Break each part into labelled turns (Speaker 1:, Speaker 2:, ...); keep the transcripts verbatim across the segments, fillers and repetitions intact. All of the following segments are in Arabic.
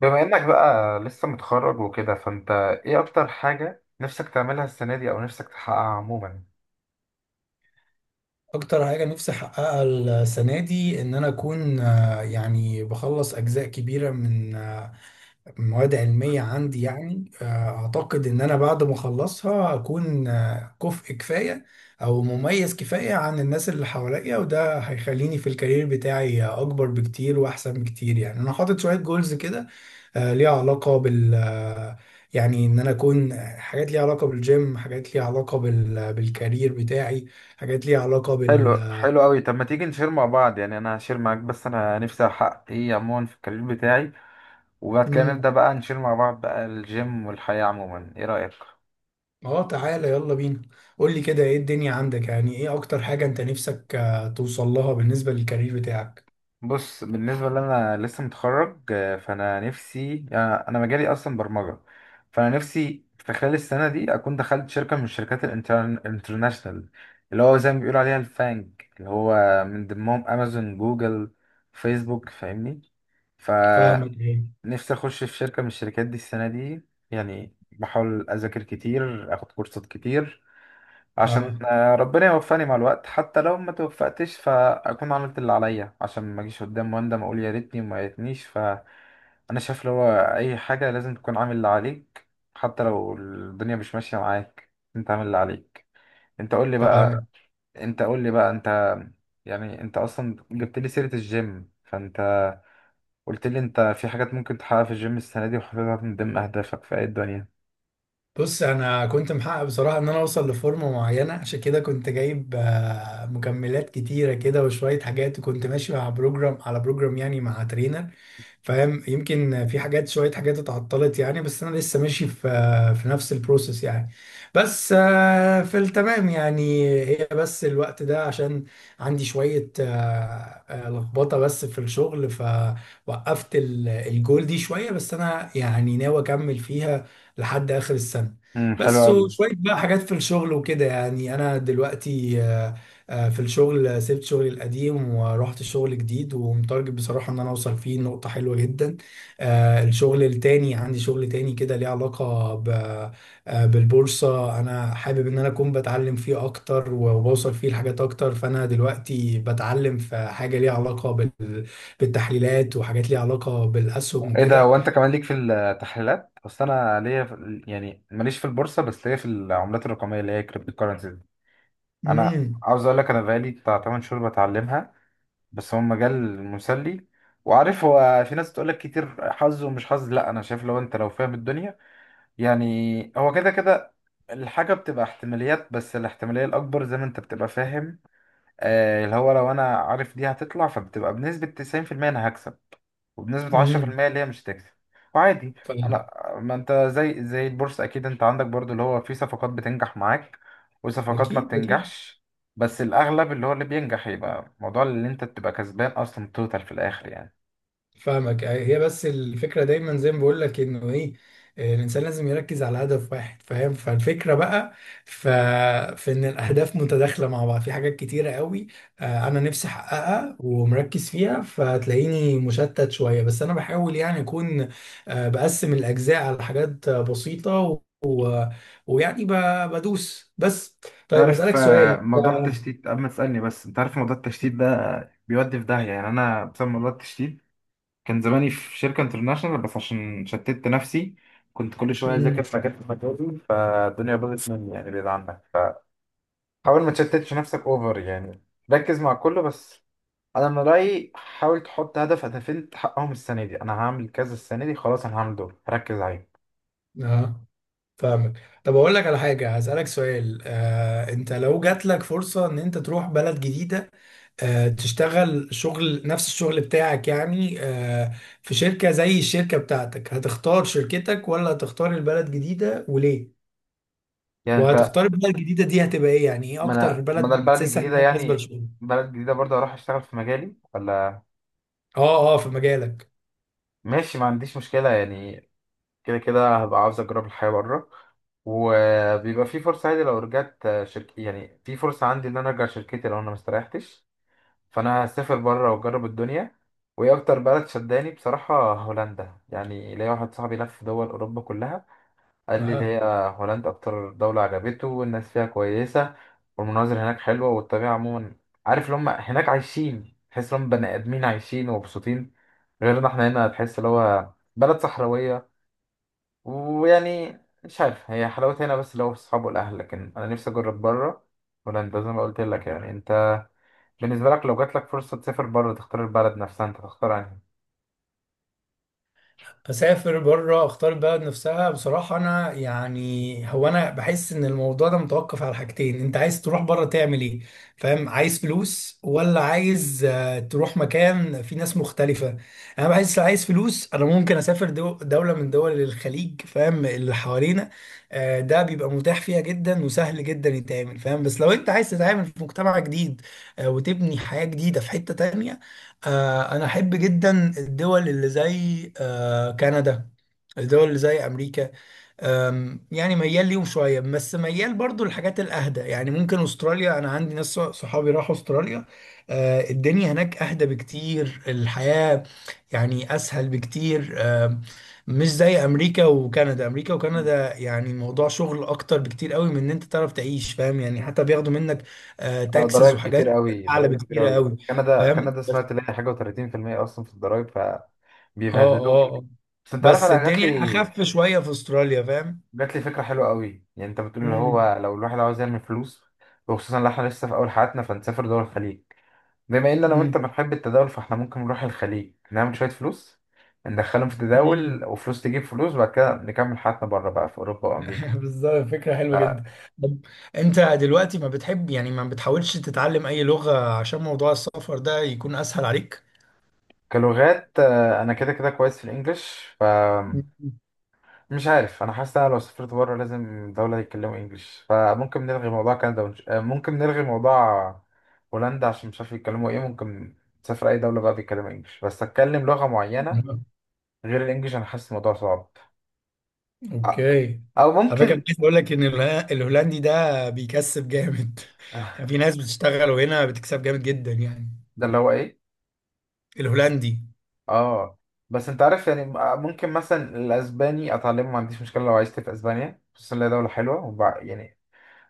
Speaker 1: بما انك بقى لسه متخرج وكده فانت ايه اكتر حاجة نفسك تعملها السنة دي او نفسك تحققها عموما؟
Speaker 2: اكتر حاجه نفسي احققها السنه دي ان انا اكون آه، يعني بخلص اجزاء كبيره من آه، مواد علميه عندي يعني آه، اعتقد ان انا بعد ما اخلصها اكون آه، كفء كفايه او مميز كفايه عن الناس اللي حواليا، وده هيخليني في الكارير بتاعي اكبر بكتير واحسن بكتير. يعني انا حاطط شويه جولز كده آه، ليها علاقه بال آه، يعني ان انا اكون آه، حاجات ليها علاقه بالجيم، حاجات ليها علاقه بال... آه، بالكارير بتاعي، حاجات ليها علاقة بال.
Speaker 1: حلو، حلو قوي. طب ما تيجي نشير مع بعض، يعني انا هشير معاك بس انا نفسي احقق ايه عموما في الكارير بتاعي، وبعد كده نبدأ
Speaker 2: امم
Speaker 1: بقى نشير مع بعض بقى الجيم والحياة عموما. ايه رأيك؟
Speaker 2: اه، تعالى يلا بينا. قول لي كده ايه الدنيا عندك، يعني ايه اكتر حاجة انت نفسك آه، توصل لها بالنسبة للكارير بتاعك؟
Speaker 1: بص، بالنسبة لي أنا لسه متخرج، آه، فأنا نفسي آه، أنا مجالي أصلا برمجة. فأنا نفسي في خلال السنة دي أكون دخلت شركة من الشركات الانترناشنال، اللي هو زي ما بيقولوا عليها الفانج، اللي هو من ضمنهم أمازون، جوجل، فيسبوك، فاهمني؟
Speaker 2: فاهمك ايه.
Speaker 1: فنفسي أخش في شركة من الشركات دي السنة دي. يعني بحاول أذاكر كتير، أخد كورسات كتير عشان
Speaker 2: اه،
Speaker 1: آه، ربنا يوفقني مع الوقت. حتى لو ما توفقتش فاكون عملت اللي عليا، عشان ما اجيش قدام واندم اقول يا ريتني وما ريتنيش. فانا شايف اللي هو اي حاجه لازم تكون عامل اللي عليك، حتى لو الدنيا مش ماشيه معاك انت عامل اللي عليك. انت قول لي
Speaker 2: فاهمك.
Speaker 1: بقى انت قول لي بقى انت يعني انت اصلا جبت لي سيره الجيم، فانت قلت لي انت في حاجات ممكن تحققها في الجيم السنه دي وحاططها من ضمن اهدافك في اي الدنيا.
Speaker 2: بص، انا كنت محقق بصراحة ان انا اوصل لفورمة معينة، عشان كده كنت جايب آه، مكملات كتيرة كده وشوية حاجات، وكنت ماشي مع بروجرام على بروجرام يعني مع ترينر، فاهم؟ يمكن في حاجات، شوية حاجات اتعطلت يعني، بس أنا لسه ماشي في في نفس البروسيس يعني. بس آه، في التمام يعني، هي بس الوقت ده عشان عندي شوية آه، آه، لخبطة بس في الشغل، فوقفت ال- الجول دي شوية، بس أنا يعني ناوي أكمل فيها لحد آخر السنة.
Speaker 1: امم، حلو
Speaker 2: بس
Speaker 1: قوي.
Speaker 2: وشوية بقى حاجات في الشغل وكده، يعني أنا دلوقتي آه، آه، في الشغل سبت شغلي القديم ورحت الشغل جديد، ومتارجت بصراحة ان انا اوصل فيه نقطة حلوة جدا. آه، الشغل التاني، عندي شغل تاني كده ليه علاقة ب- آه، بالبورصة. انا حابب ان انا اكون بتعلم فيه اكتر، وبوصل فيه لحاجات اكتر. فانا دلوقتي بتعلم في حاجة ليها علاقة بال- بالتحليلات، وحاجات ليها علاقة بالاسهم
Speaker 1: ايه ده!
Speaker 2: وكده.
Speaker 1: وانت كمان ليك في التحليلات؟ اصل انا ليا في ال- يعني ماليش في البورصه بس ليا في العملات الرقميه اللي هي كريبتو كورنسي. انا
Speaker 2: امم
Speaker 1: عاوز اقول لك انا بقالي بتاع تمن شهور بتعلمها، بس هو مجال مسلي. وعارف هو في ناس تقول لك كتير حظ ومش حظ، لا انا شايف لو انت لو فاهم الدنيا يعني هو كده كده الحاجه بتبقى احتماليات، بس الاحتماليه الاكبر زي ما انت بتبقى فاهم، آه اللي هو لو انا عارف دي هتطلع فبتبقى بنسبه تسعين في المية انا هكسب، وبنسبة عشرة في
Speaker 2: امم
Speaker 1: المية اللي هي مش هتكسب. وعادي.
Speaker 2: فاهم.
Speaker 1: أنا، ما أنت زي زي البورصة أكيد أنت عندك برضو اللي هو في صفقات بتنجح معاك وصفقات ما
Speaker 2: اكيد اكيد.
Speaker 1: بتنجحش، بس الأغلب اللي هو اللي بينجح يبقى موضوع اللي أنت تبقى كسبان أصلا توتال في الآخر يعني.
Speaker 2: فاهمك، هي بس الفكرة دايما زي ما بقول لك انه ايه، آه، الانسان لازم يركز على هدف واحد فاهم. فالفكرة بقى ف... في ان الاهداف متداخلة مع بعض في حاجات كتيرة قوي آه، انا نفسي احققها ومركز فيها، فتلاقيني مشتت شوية. بس انا بحاول يعني اكون آه، بقسم الاجزاء على حاجات آه، بسيطة و... و... ويعني ب... بدوس بس. طيب
Speaker 1: تعرف
Speaker 2: اسألك
Speaker 1: آه،
Speaker 2: سؤال.
Speaker 1: موضوع التشتيت؟ قبل ما تسألني بس انت عارف موضوع التشتيت ده بيودي في داهية. يعني انا بسبب موضوع التشتيت كان زماني في شركة انترناشونال، بس عشان شتت نفسي كنت كل شوية اذاكر
Speaker 2: مم.
Speaker 1: في مجال في مجالي فالدنيا باظت مني يعني، بعيد عنك. حاول ما تشتتش نفسك اوفر يعني، ركز مع كله بس. انا من رايي حاول تحط هدف، هدفين تحققهم السنه دي. انا هعمل كذا السنه دي خلاص، انا هعمل دول ركز عليهم.
Speaker 2: آه، فاهمك. طب اقول لك على حاجه، هسالك سؤال. آه، انت لو جات لك فرصه ان انت تروح بلد جديده آه، تشتغل شغل نفس الشغل بتاعك يعني، آه، في شركه زي الشركه بتاعتك، هتختار شركتك ولا هتختار البلد جديده، وليه؟
Speaker 1: يعني انت
Speaker 2: وهتختار البلد الجديده دي هتبقى ايه؟ يعني ايه
Speaker 1: ما
Speaker 2: اكتر
Speaker 1: انا ما
Speaker 2: بلد
Speaker 1: انا البلد
Speaker 2: بتحسسها
Speaker 1: الجديده
Speaker 2: ان هي مناسبه
Speaker 1: يعني
Speaker 2: لشغلك؟
Speaker 1: بلد جديده برضه هروح اشتغل في مجالي، ولا
Speaker 2: اه اه، في مجالك.
Speaker 1: ماشي. ما عنديش مشكله يعني. كده كده هبقى عاوز اجرب الحياه بره، وبيبقى في فرصه عادي لو رجعت شركة. يعني في فرصه عندي ان انا ارجع شركتي لو انا ما استريحتش. فانا هسافر بره واجرب الدنيا. وايه اكتر بلد شداني؟ بصراحه هولندا. يعني ليا واحد صاحبي لف دول اوروبا كلها، قال لي اللي هي
Speaker 2: اها.
Speaker 1: هولندا اكتر دوله عجبته والناس فيها كويسه والمناظر هناك حلوه والطبيعه عموما. عارف اللي هم هناك عايشين، تحس ان هم بني ادمين عايشين ومبسوطين، غيرنا احنا هنا تحس اللي هو بلد صحراويه ويعني مش عارف. هي حلاوتها هنا بس اللي هو في الصحاب والاهل، لكن انا نفسي اجرب بره، هولندا زي ما قلت لك يعني. بالنسبة لك لو جات لك فرصة تسافر بره تختار البلد نفسها انت، تختار انهي؟
Speaker 2: اسافر بره، اختار البلد نفسها بصراحه انا، يعني هو انا بحس ان الموضوع ده متوقف على حاجتين: انت عايز تروح بره تعمل ايه، فاهم؟ عايز فلوس ولا عايز آه، تروح مكان فيه ناس مختلفه. انا بحس لو عايز فلوس انا ممكن اسافر دو دوله من دول الخليج، فاهم؟ اللي حوالينا آه، ده بيبقى متاح فيها جدا وسهل جدا يتعمل، فاهم؟ بس لو انت عايز تتعامل في مجتمع جديد آه، وتبني حياه جديده في حته تانية، آه، أنا أحب جدا الدول اللي زي آه، كندا، الدول اللي زي أمريكا. آم، يعني ميال ليهم شوية، بس ميال برضو للحاجات الأهدى، يعني ممكن أستراليا. أنا عندي ناس صحابي راحوا أستراليا، آه، الدنيا هناك أهدى بكتير، الحياة يعني أسهل بكتير. آم، مش زي أمريكا وكندا. أمريكا
Speaker 1: مم.
Speaker 2: وكندا يعني الموضوع شغل أكتر بكتير قوي من إن أنت تعرف تعيش، فاهم؟ يعني حتى بياخدوا منك
Speaker 1: اه،
Speaker 2: تاكسز
Speaker 1: ضرايب كتير
Speaker 2: وحاجات
Speaker 1: قوي،
Speaker 2: أعلى
Speaker 1: ضرايب كتير
Speaker 2: بكتير
Speaker 1: قوي.
Speaker 2: قوي،
Speaker 1: كندا،
Speaker 2: فاهم؟
Speaker 1: كندا سمعت اللي هي حاجة و30% اصلا في الضرايب ف...
Speaker 2: اه
Speaker 1: بيبهدلوك.
Speaker 2: اه اه.
Speaker 1: بس انت عارف
Speaker 2: بس
Speaker 1: انا جات
Speaker 2: الدنيا
Speaker 1: لي
Speaker 2: اخف شويه في استراليا، فاهم؟
Speaker 1: جات لي فكرة حلوة قوي. يعني انت بتقول اللي
Speaker 2: امم
Speaker 1: هو لو الواحد عاوز يعمل فلوس، وخصوصا لو احنا لسه في اول حياتنا فنسافر دول الخليج. بما ان انا
Speaker 2: امم
Speaker 1: وانت بنحب التداول فاحنا ممكن نروح الخليج نعمل شوية فلوس، ندخلهم في تداول
Speaker 2: امم
Speaker 1: وفلوس تجيب فلوس، وبعد كده نكمل حياتنا بره بقى في اوروبا وامريكا.
Speaker 2: بالظبط، فكره حلوه جدا. طب انت دلوقتي ما بتحب، يعني ما بتحاولش تتعلم اي لغه عشان موضوع السفر ده يكون اسهل عليك؟
Speaker 1: كلغات آه، انا كده كده كويس في الانجليش فمش عارف. انا حاسس إن انا لو سافرت بره لازم دولة يتكلموا انجليش، فممكن نلغي موضوع كندا، ونش... آه، ممكن نلغي موضوع هولندا عشان مش عارف يتكلموا ايه. ممكن تسافر اي دولة بقى بيتكلموا انجليش، بس اتكلم لغة معينة
Speaker 2: مم.
Speaker 1: غير الانجليش انا حاسس الموضوع صعب. آه،
Speaker 2: اوكي.
Speaker 1: او
Speaker 2: على فكره،
Speaker 1: ممكن...
Speaker 2: عايز اقول لك ان الهو- الهولندي ده بيكسب جامد. يعني في ناس بتشتغل وهنا بتكسب جامد جدا يعني.
Speaker 1: ده اللي هو ايه؟
Speaker 2: الهولندي.
Speaker 1: اه. بس انت عارف يعني م- ممكن مثلا الاسباني اتعلمه ما عنديش مشكله، لو عشت في اسبانيا خصوصا إن هي دوله حلوه وبع... يعني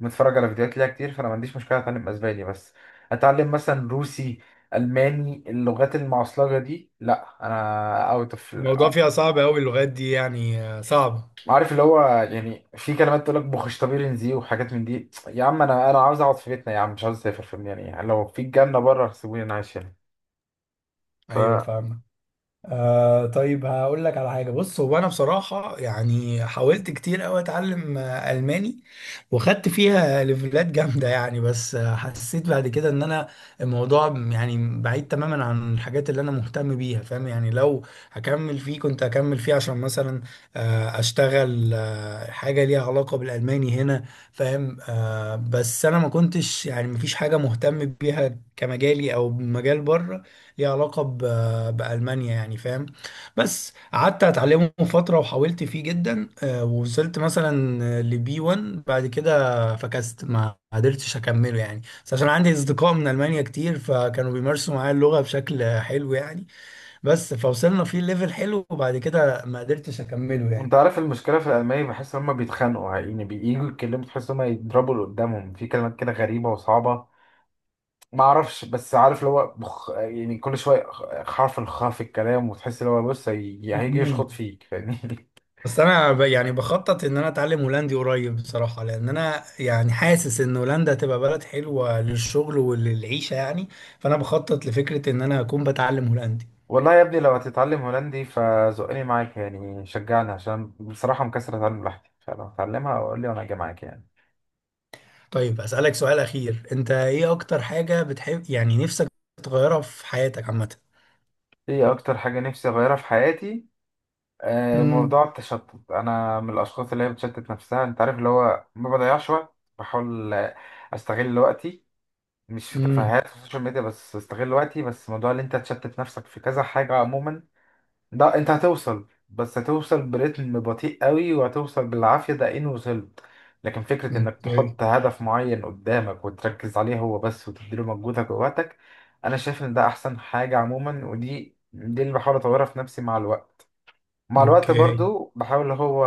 Speaker 1: متفرج على فيديوهات ليها كتير، فانا ما عنديش مشكله اتعلم اسباني. بس اتعلم مثلا روسي، الماني، اللغات المعصلجه دي لا، انا اوت اوف.
Speaker 2: الموضوع فيها صعب قوي اللغات دي يعني، آه، صعبه.
Speaker 1: عارف اللي هو يعني في كلمات تقول لك بوخشتبيرن زي وحاجات من دي، يا عم انا انا عاوز اقعد في بيتنا، يا عم مش عاوز اسافر في... يعني لو في الجنه بره سيبوني انا عايش هنا.
Speaker 2: ايوه،
Speaker 1: فانت
Speaker 2: فاهمك. آه طيب، هقول لك على حاجة. بص، هو أنا بصراحة يعني حاولت كتير أوي أتعلم آه، ألماني، وخدت فيها ليفلات جامدة يعني. بس آه، حسيت بعد كده إن أنا الموضوع يعني بعيد تماما عن الحاجات اللي أنا مهتم بيها، فاهم؟ يعني لو هكمل فيه كنت هكمل فيه عشان مثلا آه، أشتغل آه، حاجة ليها علاقة بالألماني هنا، فاهم؟ آه، بس أنا ما كنتش يعني، مفيش حاجة مهتم بيها كمجالي أو مجال بره ليها علاقة بألمانيا يعني، فاهم؟ بس قعدت أتعلمه فترة وحاولت فيه جدا، آه، ووصلت مثلا لبي واحد بعد كده، فكست ما قدرتش أكمله يعني. بس عشان عندي أصدقاء من ألمانيا كتير، فكانوا بيمارسوا معايا اللغة بشكل حلو يعني، بس فوصلنا فيه ليفل حلو وبعد كده ما قدرتش أكمله يعني.
Speaker 1: عارف المشكله في الالماني بحس ان هم بيتخانقوا، يعني بييجوا يتكلموا تحس ان هم يضربوا اللي قدامهم في كلمات كده غريبه وصعبه. ما اعرفش، بس عارف اللي هو بخ... يعني كل شويه خ- حرف الخاء في الكلام، وتحس اللي هو بص هي... هيجي
Speaker 2: مم.
Speaker 1: يشخط فيك، فاهمني؟
Speaker 2: بس انا ب- يعني بخطط ان انا اتعلم هولندي قريب بصراحه، لان انا يعني حاسس ان هولندا هتبقى بلد حلوه للشغل وللعيشه يعني، فانا بخطط لفكره ان انا اكون بتعلم هولندي.
Speaker 1: والله يا ابني لو هتتعلم هولندي فزقني معاك، يعني شجعني عشان بصراحه مكسر اتعلم لوحدي، فلو هتعلمها قول لي وانا اجي معاك يعني.
Speaker 2: طيب اسالك سؤال اخير: انت ايه اكتر حاجه بتحب يعني نفسك تغيرها في حياتك عامه؟
Speaker 1: ايه اكتر حاجه نفسي اغيرها في حياتي؟ آه، موضوع
Speaker 2: امم
Speaker 1: التشتت. انا من الاشخاص اللي هي بتشتت نفسها. انت عارف اللي هو ما بضيعش وقت، بحاول آه، استغل وقتي مش في
Speaker 2: امم
Speaker 1: تفاهات في السوشيال ميديا، بس استغل وقتي، بس موضوع اللي انت تشتت نفسك في كذا حاجه عموما، لا انت هتوصل بس هتوصل برتم بطيء قوي وهتوصل بالعافية. دقيقتين وصلت. لكن فكرة انك
Speaker 2: اوكي.
Speaker 1: تحط هدف معين قدامك وتركز عليه هو بس وتديله مجهودك ووقتك، انا شايف ان ده احسن حاجة عموما. ودي دي اللي بحاول اطورها في نفسي مع الوقت. مع الوقت
Speaker 2: اوكي.
Speaker 1: برضو بحاول اللي هو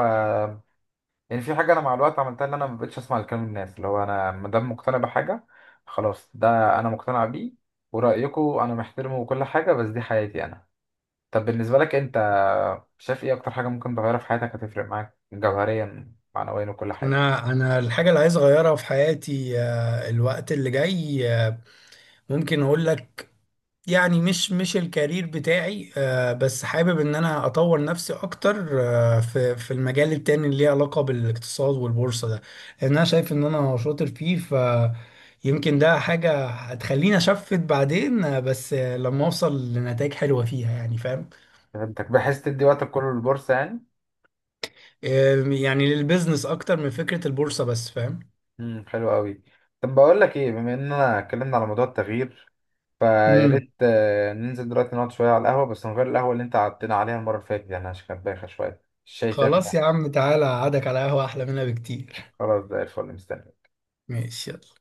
Speaker 1: يعني في حاجة انا مع الوقت عملتها، ان انا ما بقتش اسمع لكلام الناس. اللي هو انا ما دام مقتنع بحاجة خلاص ده انا مقتنع بيه، ورأيكم انا محترمه وكل حاجة، بس دي حياتي انا. طب بالنسبة لك أنت، شايف إيه أكتر حاجة ممكن تغيرها في حياتك هتفرق معاك جوهريا معنويا وكل حاجة؟
Speaker 2: انا انا الحاجه اللي عايز اغيرها في حياتي آه، الوقت اللي جاي آه، ممكن اقول لك، يعني مش مش الكارير بتاعي. آه، بس حابب ان انا اطور نفسي اكتر آه، في في المجال التاني اللي ليه علاقة بالاقتصاد والبورصة ده، لان انا شايف ان انا شاطر فيه. ف يمكن ده حاجة هتخليني أشفت بعدين. آه، بس آه، لما أوصل لنتائج حلوة فيها يعني، فاهم؟
Speaker 1: فهمتك، بحيث تدي وقتك كله للبورصة يعني؟
Speaker 2: آه، يعني للبيزنس أكتر من فكرة البورصة بس، فاهم؟
Speaker 1: امم، حلو قوي. طب بقول لك إيه، بما إننا اتكلمنا على موضوع التغيير فيا
Speaker 2: مم.
Speaker 1: ريت آه، ننزل دلوقتي نقعد شوية على القهوة، بس من غير القهوة اللي أنت قعدتنا عليها المرة اللي فاتت يعني، عشان كانت بايخة شوية. الشاي فيها كان
Speaker 2: خلاص يا
Speaker 1: وحش.
Speaker 2: عم، تعالى أقعدك على قهوة أحلى منها بكتير.
Speaker 1: خلاص زي الفل، مستني.
Speaker 2: ماشي، يلا.